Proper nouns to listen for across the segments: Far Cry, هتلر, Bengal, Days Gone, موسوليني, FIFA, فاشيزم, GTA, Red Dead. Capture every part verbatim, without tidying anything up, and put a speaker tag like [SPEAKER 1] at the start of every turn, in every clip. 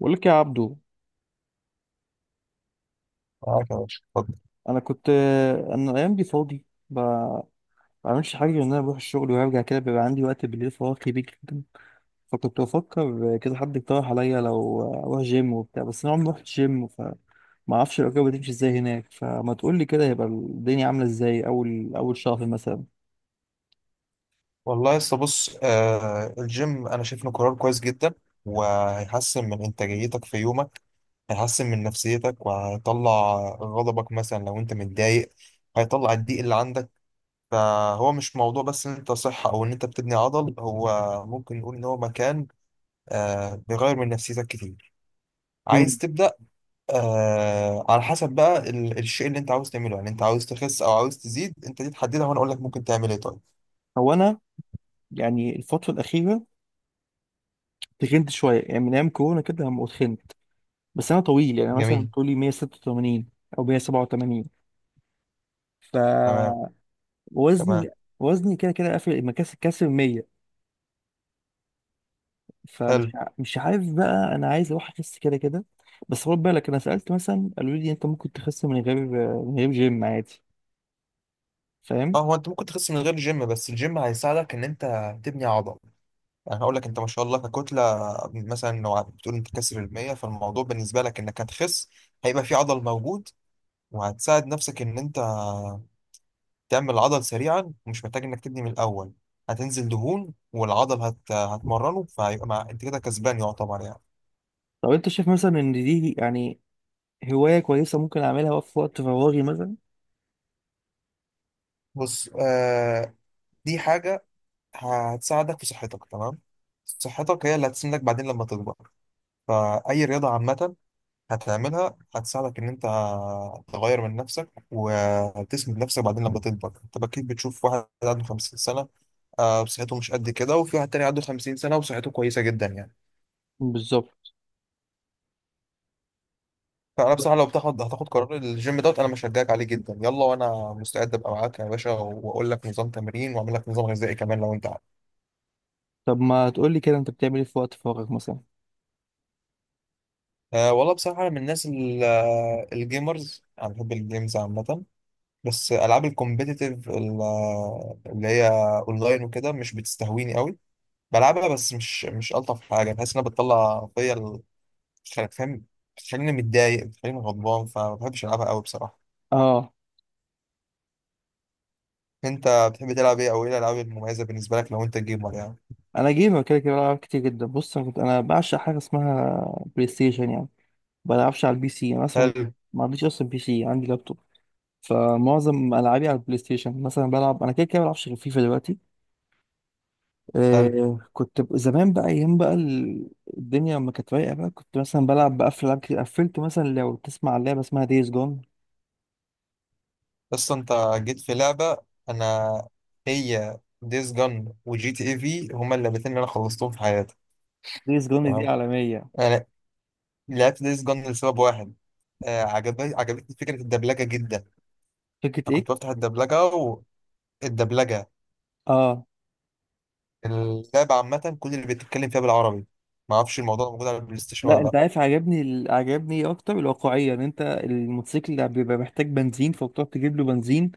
[SPEAKER 1] بقول لك يا عبدو.
[SPEAKER 2] معاك يا باشا، اتفضل.
[SPEAKER 1] انا كنت انا الايام دي فاضي. ب- ما بعملش حاجه غير ان انا بروح الشغل وارجع كده، بيبقى عندي وقت بالليل فراغ كبير جدا. فكنت بفكر كده، حد اقترح عليا لو اروح جيم وبتاع، بس انا عمري ما رحت جيم فما اعرفش الاجابه بتمشي ازاي هناك، فما تقول لي كده هيبقى الدنيا عامله ازاي اول اول شهر مثلا؟
[SPEAKER 2] والله لسه بص آه الجيم، انا شايف انه قرار كويس جدا، وهيحسن من انتاجيتك في يومك، هيحسن من نفسيتك وهيطلع غضبك مثلا لو انت متضايق، هيطلع الضيق اللي عندك. فهو مش موضوع بس ان انت صحة او ان انت بتبني عضل، هو ممكن نقول ان هو مكان آه بيغير من نفسيتك كتير. عايز
[SPEAKER 1] مم.
[SPEAKER 2] تبدأ؟ آه، على حسب بقى ال- الشيء اللي انت عاوز تعمله، يعني انت عاوز تخس او عاوز تزيد، انت دي تحددها وانا اقول لك ممكن تعمل ايه. طيب،
[SPEAKER 1] هو انا يعني الفتره الاخيره تخنت شويه، يعني من ايام كورونا كده لما اتخنت. بس انا طويل يعني، مثلا
[SPEAKER 2] جميل.
[SPEAKER 1] طولي مية ستة وتمانين او مية سبعة وتمانين.
[SPEAKER 2] تمام.
[SPEAKER 1] وزني
[SPEAKER 2] تمام.
[SPEAKER 1] وزني كده كده قافل مكاسب كاسر مية. فمش
[SPEAKER 2] حلو.
[SPEAKER 1] ع- مش عارف بقى، انا عايز اروح اخس كده كده. بس خد بالك، انا سالت مثلا قالوا لي انت ممكن تخس من غير، من غير جيم عادي. فاهم؟
[SPEAKER 2] اه، هو انت ممكن تخس من غير الجيم، بس الجيم هيساعدك ان انت تبني عضل. يعني هقول لك انت ما شاء الله ككتله، مثلا لو بتقول انت كسر ال مية، فالموضوع بالنسبه لك انك هتخس، هيبقى في عضل موجود، وهتساعد نفسك ان انت تعمل عضل سريعا ومش محتاج انك تبني من الاول. هتنزل دهون والعضل هت... هتمرنه، فهيبقى مع... انت كده كسبان يعتبر يعني.
[SPEAKER 1] طب انت شايف مثلا ان دي يعني هوايه كويسه ممكن اعملها في وقت فراغي مثلا؟
[SPEAKER 2] بص، آه دي حاجه هتساعدك في صحتك. تمام، صحتك هي اللي هتسندك بعدين لما تكبر، فأي رياضة عامة هتعملها هتساعدك ان انت تغير من نفسك وتسند نفسك بعدين لما تكبر. انت اكيد بتشوف واحد عنده 50 سنه، آه، صحته مش قد كده، وفي واحد تاني عنده 50 سنه وصحته كويسه جدا يعني.
[SPEAKER 1] بالظبط.
[SPEAKER 2] فانا بصراحه لو بتاخد هتاخد قرار الجيم دوت، انا مشجعك عليه جدا، يلا، وانا مستعد ابقى معاك يا باشا واقول لك نظام تمرين واعمل لك نظام غذائي كمان لو انت عايز.
[SPEAKER 1] طب ما تقول لي كده، انت بتعمل ايه في وقت فراغك مثلا؟
[SPEAKER 2] أه والله بصراحه، انا من الناس ال- آه، الجيمرز، انا بحب الجيمز عامه، بس العاب الكومبيتيتيف اللي هي اونلاين وكده مش بتستهويني قوي. بلعبها بس مش مش الطف حاجه، بحس انها بتطلع فيا ال- بتخلي- فاهم، بتخليني متضايق، بتخليني غضبان، فما بحبش العبها قوي بصراحه.
[SPEAKER 1] اه،
[SPEAKER 2] انت بتحب تلعب ايه، او ايه الالعاب المميزه بالنسبه لك لو انت جيمر يعني؟
[SPEAKER 1] انا جيمر كده كده، بلعب كتير جدا. بص، انا كنت انا بعشق حاجه اسمها بلاي ستيشن يعني. ما بلعبش على البي سي انا اصلا،
[SPEAKER 2] حلو.
[SPEAKER 1] ما عنديش اصلا بي سي، عندي لابتوب. فمعظم العابي على البلاي ستيشن. مثلا بلعب انا كده كده بلعبش غير فيفا دلوقتي.
[SPEAKER 2] حلو،
[SPEAKER 1] آه كنت ب- زمان بقى، ايام بقى ال- الدنيا ما كانت رايقه بقى، كنت مثلا بلعب بقفل العاب كتير. قفلت مثلا، لو تسمع عن لعبه اسمها دايز جون.
[SPEAKER 2] بس انت جيت في لعبه، انا هي ديز جن وجي تي اي في هما اللعبتين اللي انا خلصتهم في حياتي.
[SPEAKER 1] دايز جون دي
[SPEAKER 2] تمام.
[SPEAKER 1] عالميه.
[SPEAKER 2] انا لعبت ديز جن لسبب واحد، آه، عجبني عجبتني فكره الدبلجه جدا.
[SPEAKER 1] فكره
[SPEAKER 2] انا
[SPEAKER 1] ايه؟
[SPEAKER 2] كنت بفتح الدبلجه، والدبلجه
[SPEAKER 1] اه،
[SPEAKER 2] اللعبة عامة كل اللي بتتكلم فيها بالعربي. ما اعرفش الموضوع ده موجود على البلاي ستيشن
[SPEAKER 1] لا
[SPEAKER 2] ولا
[SPEAKER 1] انت
[SPEAKER 2] لا.
[SPEAKER 1] عارف، عجبني ال- عجبني إيه اكتر؟ الواقعيه، ان انت الموتوسيكل اللي بيبقى محتاج بنزين فبتروح تجيب له بنزين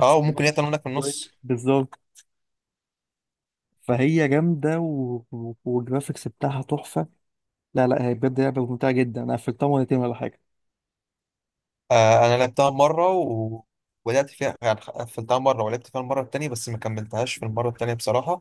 [SPEAKER 2] اه وممكن هي تمرينك في النص.
[SPEAKER 1] بالظبط. فهي جامده، و... و- والجرافيكس بتاعها تحفه. لا لا، هي بجد لعبة ممتعة جدا، أنا قفلتها مرتين ولا حاجة.
[SPEAKER 2] آه انا لعبتها مرة و... ولعبت فيها يعني، قفلتها مرة ولعبت فيها المرة التانية بس ما كملتهاش في المرة التانية بصراحة.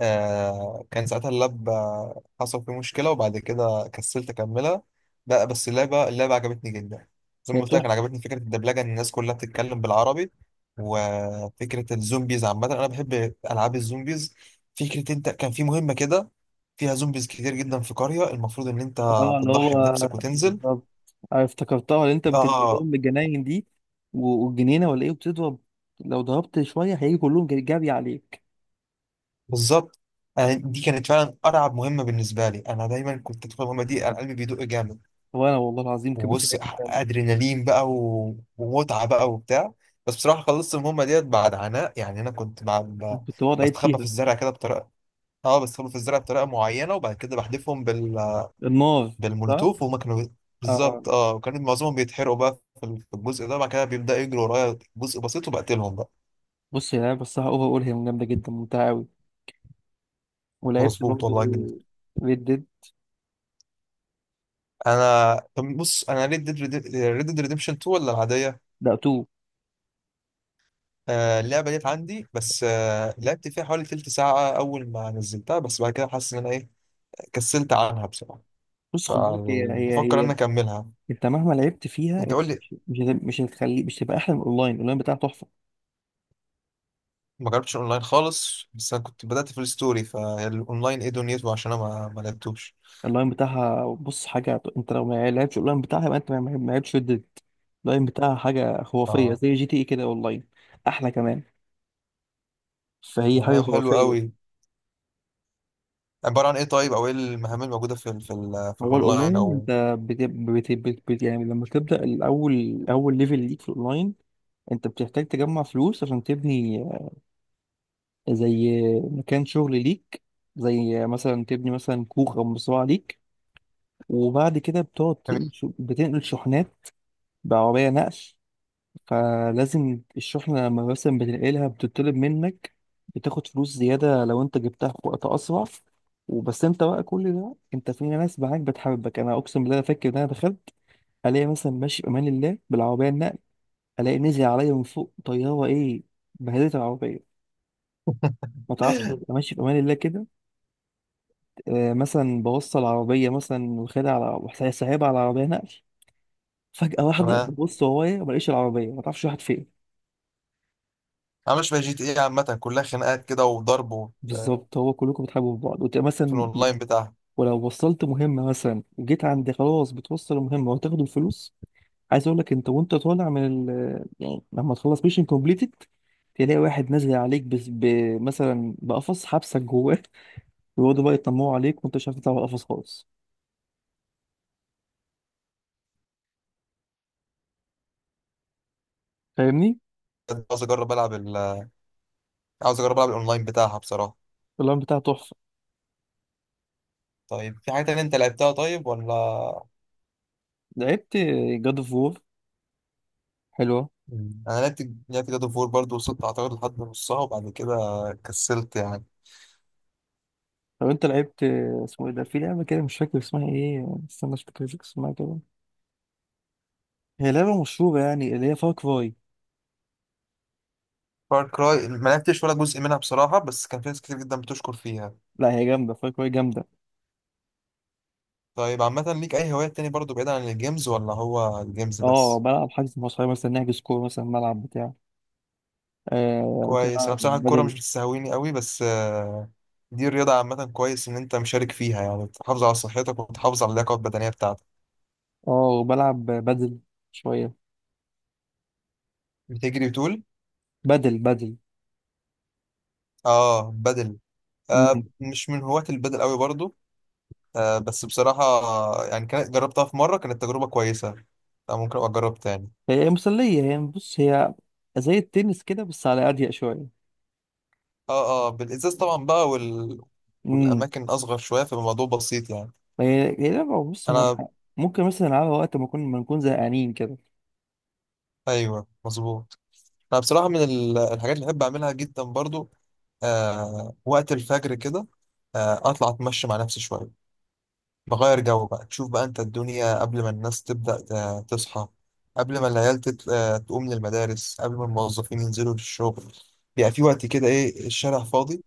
[SPEAKER 2] آه كان ساعتها اللاب آه، حصل فيه مشكلة وبعد كده كسلت أكملها. لا بس اللعبة، اللعبة عجبتني جدا، زي ما
[SPEAKER 1] هي
[SPEAKER 2] قلت لك، أنا
[SPEAKER 1] تحفة.
[SPEAKER 2] عجبتني فكرة الدبلجة إن الناس كلها بتتكلم بالعربي، وفكرة الزومبيز عامة أنا بحب ألعاب الزومبيز. فكرة أنت كان في مهمة كده فيها زومبيز كتير جدا في قرية، المفروض إن أنت
[SPEAKER 1] اه اللي
[SPEAKER 2] بتضحي
[SPEAKER 1] هو.
[SPEAKER 2] بنفسك وتنزل.
[SPEAKER 1] بالظبط، أنا افتكرتها، اللي أنت بتنزل
[SPEAKER 2] آه.
[SPEAKER 1] لهم الجناين دي و- والجنينة ولا إيه، وبتضرب. لو ضربت شوية هيجي كلهم جري جري عليك.
[SPEAKER 2] بالظبط، أنا دي كانت فعلا أرعب مهمة بالنسبة لي، أنا دايما كنت أدخل المهمة دي أنا قلبي بيدق جامد.
[SPEAKER 1] وأنا والله العظيم كان بس.
[SPEAKER 2] وبص، ادرينالين بقى و- ومتعه بقى وبتاع، بس بصراحه خلصت المهمه ديت بعد عناء يعني. انا كنت مع
[SPEAKER 1] أنا
[SPEAKER 2] ب-
[SPEAKER 1] كنت بقعد أعيد
[SPEAKER 2] بستخبى في
[SPEAKER 1] فيها.
[SPEAKER 2] الزرع كده بطريقه، اه بستخبى في الزرع بطريقه معينه، وبعد كده بحدفهم بال...
[SPEAKER 1] النار. صح؟
[SPEAKER 2] بالمولوتوف، وهم كانوا بي-
[SPEAKER 1] اه.
[SPEAKER 2] بالظبط، اه، وكان معظمهم بيتحرقوا بقى في ال- في الجزء ده، بعد كده بيبداوا يجروا ورايا جزء بسيط وبقتلهم بقى.
[SPEAKER 1] بص، يا لعبة الصراحة أوفر أول، هي جامدة جدا ممتعة أوي. ولعبت
[SPEAKER 2] مظبوط
[SPEAKER 1] برضه
[SPEAKER 2] والله جدا.
[SPEAKER 1] ريد ديد.
[SPEAKER 2] انا طب بص انا ريد ديد، ريد ديد ريديمشن تو ولا العاديه؟
[SPEAKER 1] لا تو.
[SPEAKER 2] آه اللعبه ديت عندي، بس آه لعبت فيها حوالي تلت ساعه اول ما نزلتها، بس بعد كده حاسس ان انا ايه، كسلت عنها بصراحة،
[SPEAKER 1] بص خد بالك، هي هي
[SPEAKER 2] فبفكر ان
[SPEAKER 1] هي
[SPEAKER 2] أنا اكملها.
[SPEAKER 1] أنت مهما لعبت فيها،
[SPEAKER 2] انت
[SPEAKER 1] أنت
[SPEAKER 2] قول لي،
[SPEAKER 1] مش مش هت- مش هتخلي مش هتبقى أحلى من الأونلاين. الأونلاين بتاعها تحفة.
[SPEAKER 2] ما جربتش اونلاين خالص، بس انا كنت بدأت في الستوري، فالاونلاين ايه دنيته؟ عشان انا ما ما لعبتوش.
[SPEAKER 1] اللاين بتاعها، بص حاجة، انت لو ما لعبتش اللاين بتاعها يبقى انت ما ما- ما لعبتش ريد. اللاين بتاعها حاجة خرافية،
[SPEAKER 2] اه.
[SPEAKER 1] زي جي تي اي كده اونلاين، احلى كمان. فهي حاجة
[SPEAKER 2] آه، حلو
[SPEAKER 1] خرافية.
[SPEAKER 2] قوي. عبارة عن ايه طيب، او ايه المهام الموجودة في ال في ال في
[SPEAKER 1] هو
[SPEAKER 2] الاونلاين
[SPEAKER 1] الاونلاين
[SPEAKER 2] او؟
[SPEAKER 1] انت بت... بت... بت... بت... يعني لما تبدأ، الاول اول ليفل ليك في الاونلاين، انت بتحتاج تجمع فلوس عشان تبني زي مكان شغل ليك، زي مثلا تبني مثلا كوخ او مزرعة ليك. وبعد كده بتقعد تنقل- بتنقل شحنات بعربية نقل. فلازم الشحنة لما مثلا بتنقلها، بتطلب منك، بتاخد فلوس زيادة لو انت جبتها في وقت أسرع. وبس انت بقى كل ده، انت في ناس معاك بتحبك. انا اقسم بالله، انا فاكر ان انا دخلت، الاقي مثلا ماشي بامان الله بالعربيه النقل، الاقي نزل عليا من فوق طياره ايه، بهدلت العربيه. ما تعرفش، ابقى ماشي بامان الله كده، آه مثلا بوصل العربيه مثلا واخدها، على سايبها على عربيه نقل، فجاه واحده
[SPEAKER 2] انا،
[SPEAKER 1] ببص ورايا ما الاقيش العربيه، ما تعرفش واحد فين.
[SPEAKER 2] انا مش بقى جي تي ايه عامة كلها خناقات كده وضرب وبتاع،
[SPEAKER 1] بالظبط. هو كلكم بتحبوا في بعض، وتبقى
[SPEAKER 2] في
[SPEAKER 1] مثلا،
[SPEAKER 2] الاونلاين بتاعها.
[SPEAKER 1] ولو وصلت مهمة مثلا وجيت عند خلاص بتوصل المهمة وتاخد الفلوس، عايز اقول لك، انت وانت طالع من ال... يعني لما تخلص ميشن كومبليتد، تلاقي واحد نازل عليك، بس ب... مثلا بقفص حبسك جواه ويقعدوا بقى يطمعوا عليك، وانت مش عارف تطلع من القفص خالص. فاهمني؟
[SPEAKER 2] عاوز اجرب العب ال... عاوز اجرب العب الاونلاين بتاعها بصراحة.
[SPEAKER 1] اللعبة بتاعها تحفة.
[SPEAKER 2] طيب في حاجة تانية انت لعبتها طيب ولا؟
[SPEAKER 1] لعبت جاد اوف وور، حلوة.
[SPEAKER 2] مم. انا لعبت لعبت جاد اوف وور برضه، وصلت اعتقد لحد نصها وبعد كده كسلت يعني.
[SPEAKER 1] لو انت لعبت، اسمه ايه ده، في لعبة كده مش فاكر اسمها ايه، استنى، مش فاكر اسمها كده، هي لعبة مشهورة يعني، اللي هي فار كراي.
[SPEAKER 2] فار كراي ما لعبتش ولا جزء منها بصراحة، بس كان في ناس كتير جدا بتشكر فيها.
[SPEAKER 1] لا هي جامدة، فار كراي جامدة.
[SPEAKER 2] طيب عامة ليك أي هوايات تاني برضه بعيد عن الجيمز ولا هو الجيمز
[SPEAKER 1] اه
[SPEAKER 2] بس؟
[SPEAKER 1] بلعب حجز مع صحابي، مثلا نحجز كورة مثلا، ملعب بتاع. آه، ممكن
[SPEAKER 2] كويس. أنا
[SPEAKER 1] ألعب
[SPEAKER 2] بصراحة الكورة مش
[SPEAKER 1] بدل.
[SPEAKER 2] بتستهويني قوي، بس آه، دي الرياضة عامة، كويس إن أنت مشارك فيها يعني، بتحافظ على صحتك وبتحافظ على اللياقة البدنية بتاعتك.
[SPEAKER 1] اه بلعب بدل شوية.
[SPEAKER 2] بتجري وتقول.
[SPEAKER 1] بدل بدل.
[SPEAKER 2] آه بدل. آه
[SPEAKER 1] مم.
[SPEAKER 2] مش من هواة البدل قوي برضه، آه، بس بصراحة، يعني كانت جربتها في مرة كانت تجربة كويسة، آه، ممكن أبقى أجرب تاني.
[SPEAKER 1] هي مسلية. هي بص هي زي التنس كده، بس على أضيق شوية.
[SPEAKER 2] اه اه، بالإزاز طبعا بقى وال...
[SPEAKER 1] امم.
[SPEAKER 2] والأماكن أصغر شوية، فالموضوع بسيط يعني.
[SPEAKER 1] هي هي لعبة بص هي
[SPEAKER 2] أنا.
[SPEAKER 1] ممكن مثلا ألعبها وقت ما نكون ما نكون زهقانين كده.
[SPEAKER 2] أيوه مظبوط، أنا بصراحة من ال- الحاجات اللي بحب أعملها جدا برضو، آه وقت الفجر كده، آه أطلع أتمشى مع نفسي شوية، بغير جو بقى، تشوف بقى أنت الدنيا قبل ما الناس تبدأ ت- تصحى، قبل ما العيال تت... آه، تقوم للمدارس، قبل ما الموظفين ينزلوا للشغل، بيبقى في وقت كده إيه الشارع فاضي،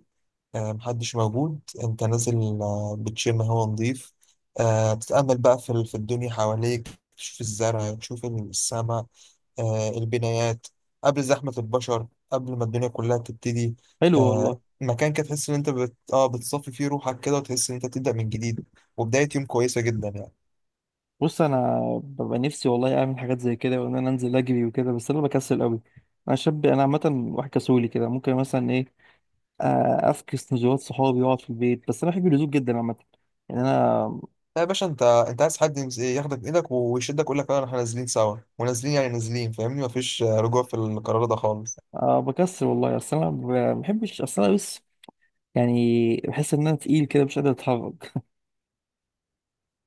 [SPEAKER 2] آه، محدش موجود، انت نازل آه، بتشم هوا نضيف، آه، بتتأمل بقى في ال- في الدنيا حواليك، تشوف الزرع، تشوف السماء، آه، البنايات، قبل زحمة البشر، قبل ما الدنيا كلها تبتدي.
[SPEAKER 1] حلو
[SPEAKER 2] آه،
[SPEAKER 1] والله.
[SPEAKER 2] مكان كده تحس ان انت بت... اه بتصفي فيه روحك كده، وتحس ان انت بتبدأ من جديد، وبداية يوم كويسة جدا يعني.
[SPEAKER 1] بص أنا ببقى نفسي والله أعمل حاجات زي كده، وإن أنا أنزل أجري وكده، بس أنا بكسل أوي. أنا شاب، أنا عامة واحد كسولي كده. ممكن مثلا إيه، آه، افكس نزولات صحابي واقعد في البيت. بس انا بحب الهدوء جدا عامه، يعني انا،
[SPEAKER 2] لا يا باشا، انت انت عايز حد يمس- ياخدك بايدك ويشدك، يقول لك يلا احنا نازلين سوا، ونازلين يعني نازلين، فاهمني، مفيش آه، رجوع في القرار ده خالص.
[SPEAKER 1] آه، بكسر والله. اصل انا ب- ما بحبش، اصل انا بس يعني بحس ان انا تقيل كده، مش قادر اتحرك.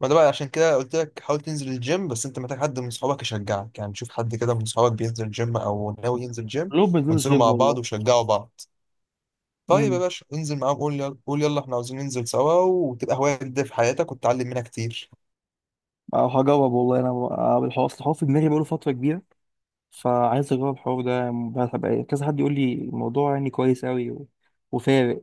[SPEAKER 2] ما ده بقى عشان كده قلت لك حاول تنزل الجيم، بس انت محتاج حد من صحابك يشجعك، يعني شوف حد كده من صحابك بينزل جيم او ناوي ينزل جيم،
[SPEAKER 1] لو بنزول
[SPEAKER 2] وانزلوا
[SPEAKER 1] جيم
[SPEAKER 2] مع بعض
[SPEAKER 1] والله.
[SPEAKER 2] وشجعوا بعض. طيب يا
[SPEAKER 1] امم.
[SPEAKER 2] باشا انزل معاهم، قول يلا، قول يلا احنا عاوزين ننزل سوا، وتبقى هواية جديدة في حياتك وتتعلم منها كتير.
[SPEAKER 1] او هجرب والله انا، آه، الحوار، اصل الحوار في دماغي بقاله فتره كبيره، فعايز اجرب الحوار ده يعني، بقى- هبقى- كذا حد يقول لي الموضوع يعني كويس قوي و... وفارق.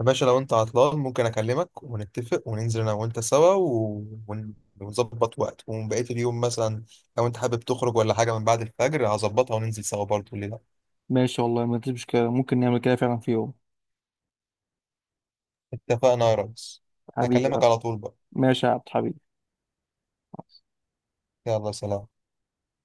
[SPEAKER 2] يا باشا لو انت عطلان ممكن اكلمك ونتفق وننزل انا وانت سوا و... ون- ونظبط وقت، وبقية اليوم مثلا لو انت حابب تخرج ولا حاجة من بعد الفجر هظبطها وننزل سوا برضه، ليه لا.
[SPEAKER 1] ماشي والله ما فيش مشكله، ممكن نعمل كده فعلا في يوم.
[SPEAKER 2] اتفقنا يا ريس.
[SPEAKER 1] حبيبي.
[SPEAKER 2] هكلمك على طول بقى.
[SPEAKER 1] ماشي يا عبد حبيبي.
[SPEAKER 2] يلا سلام.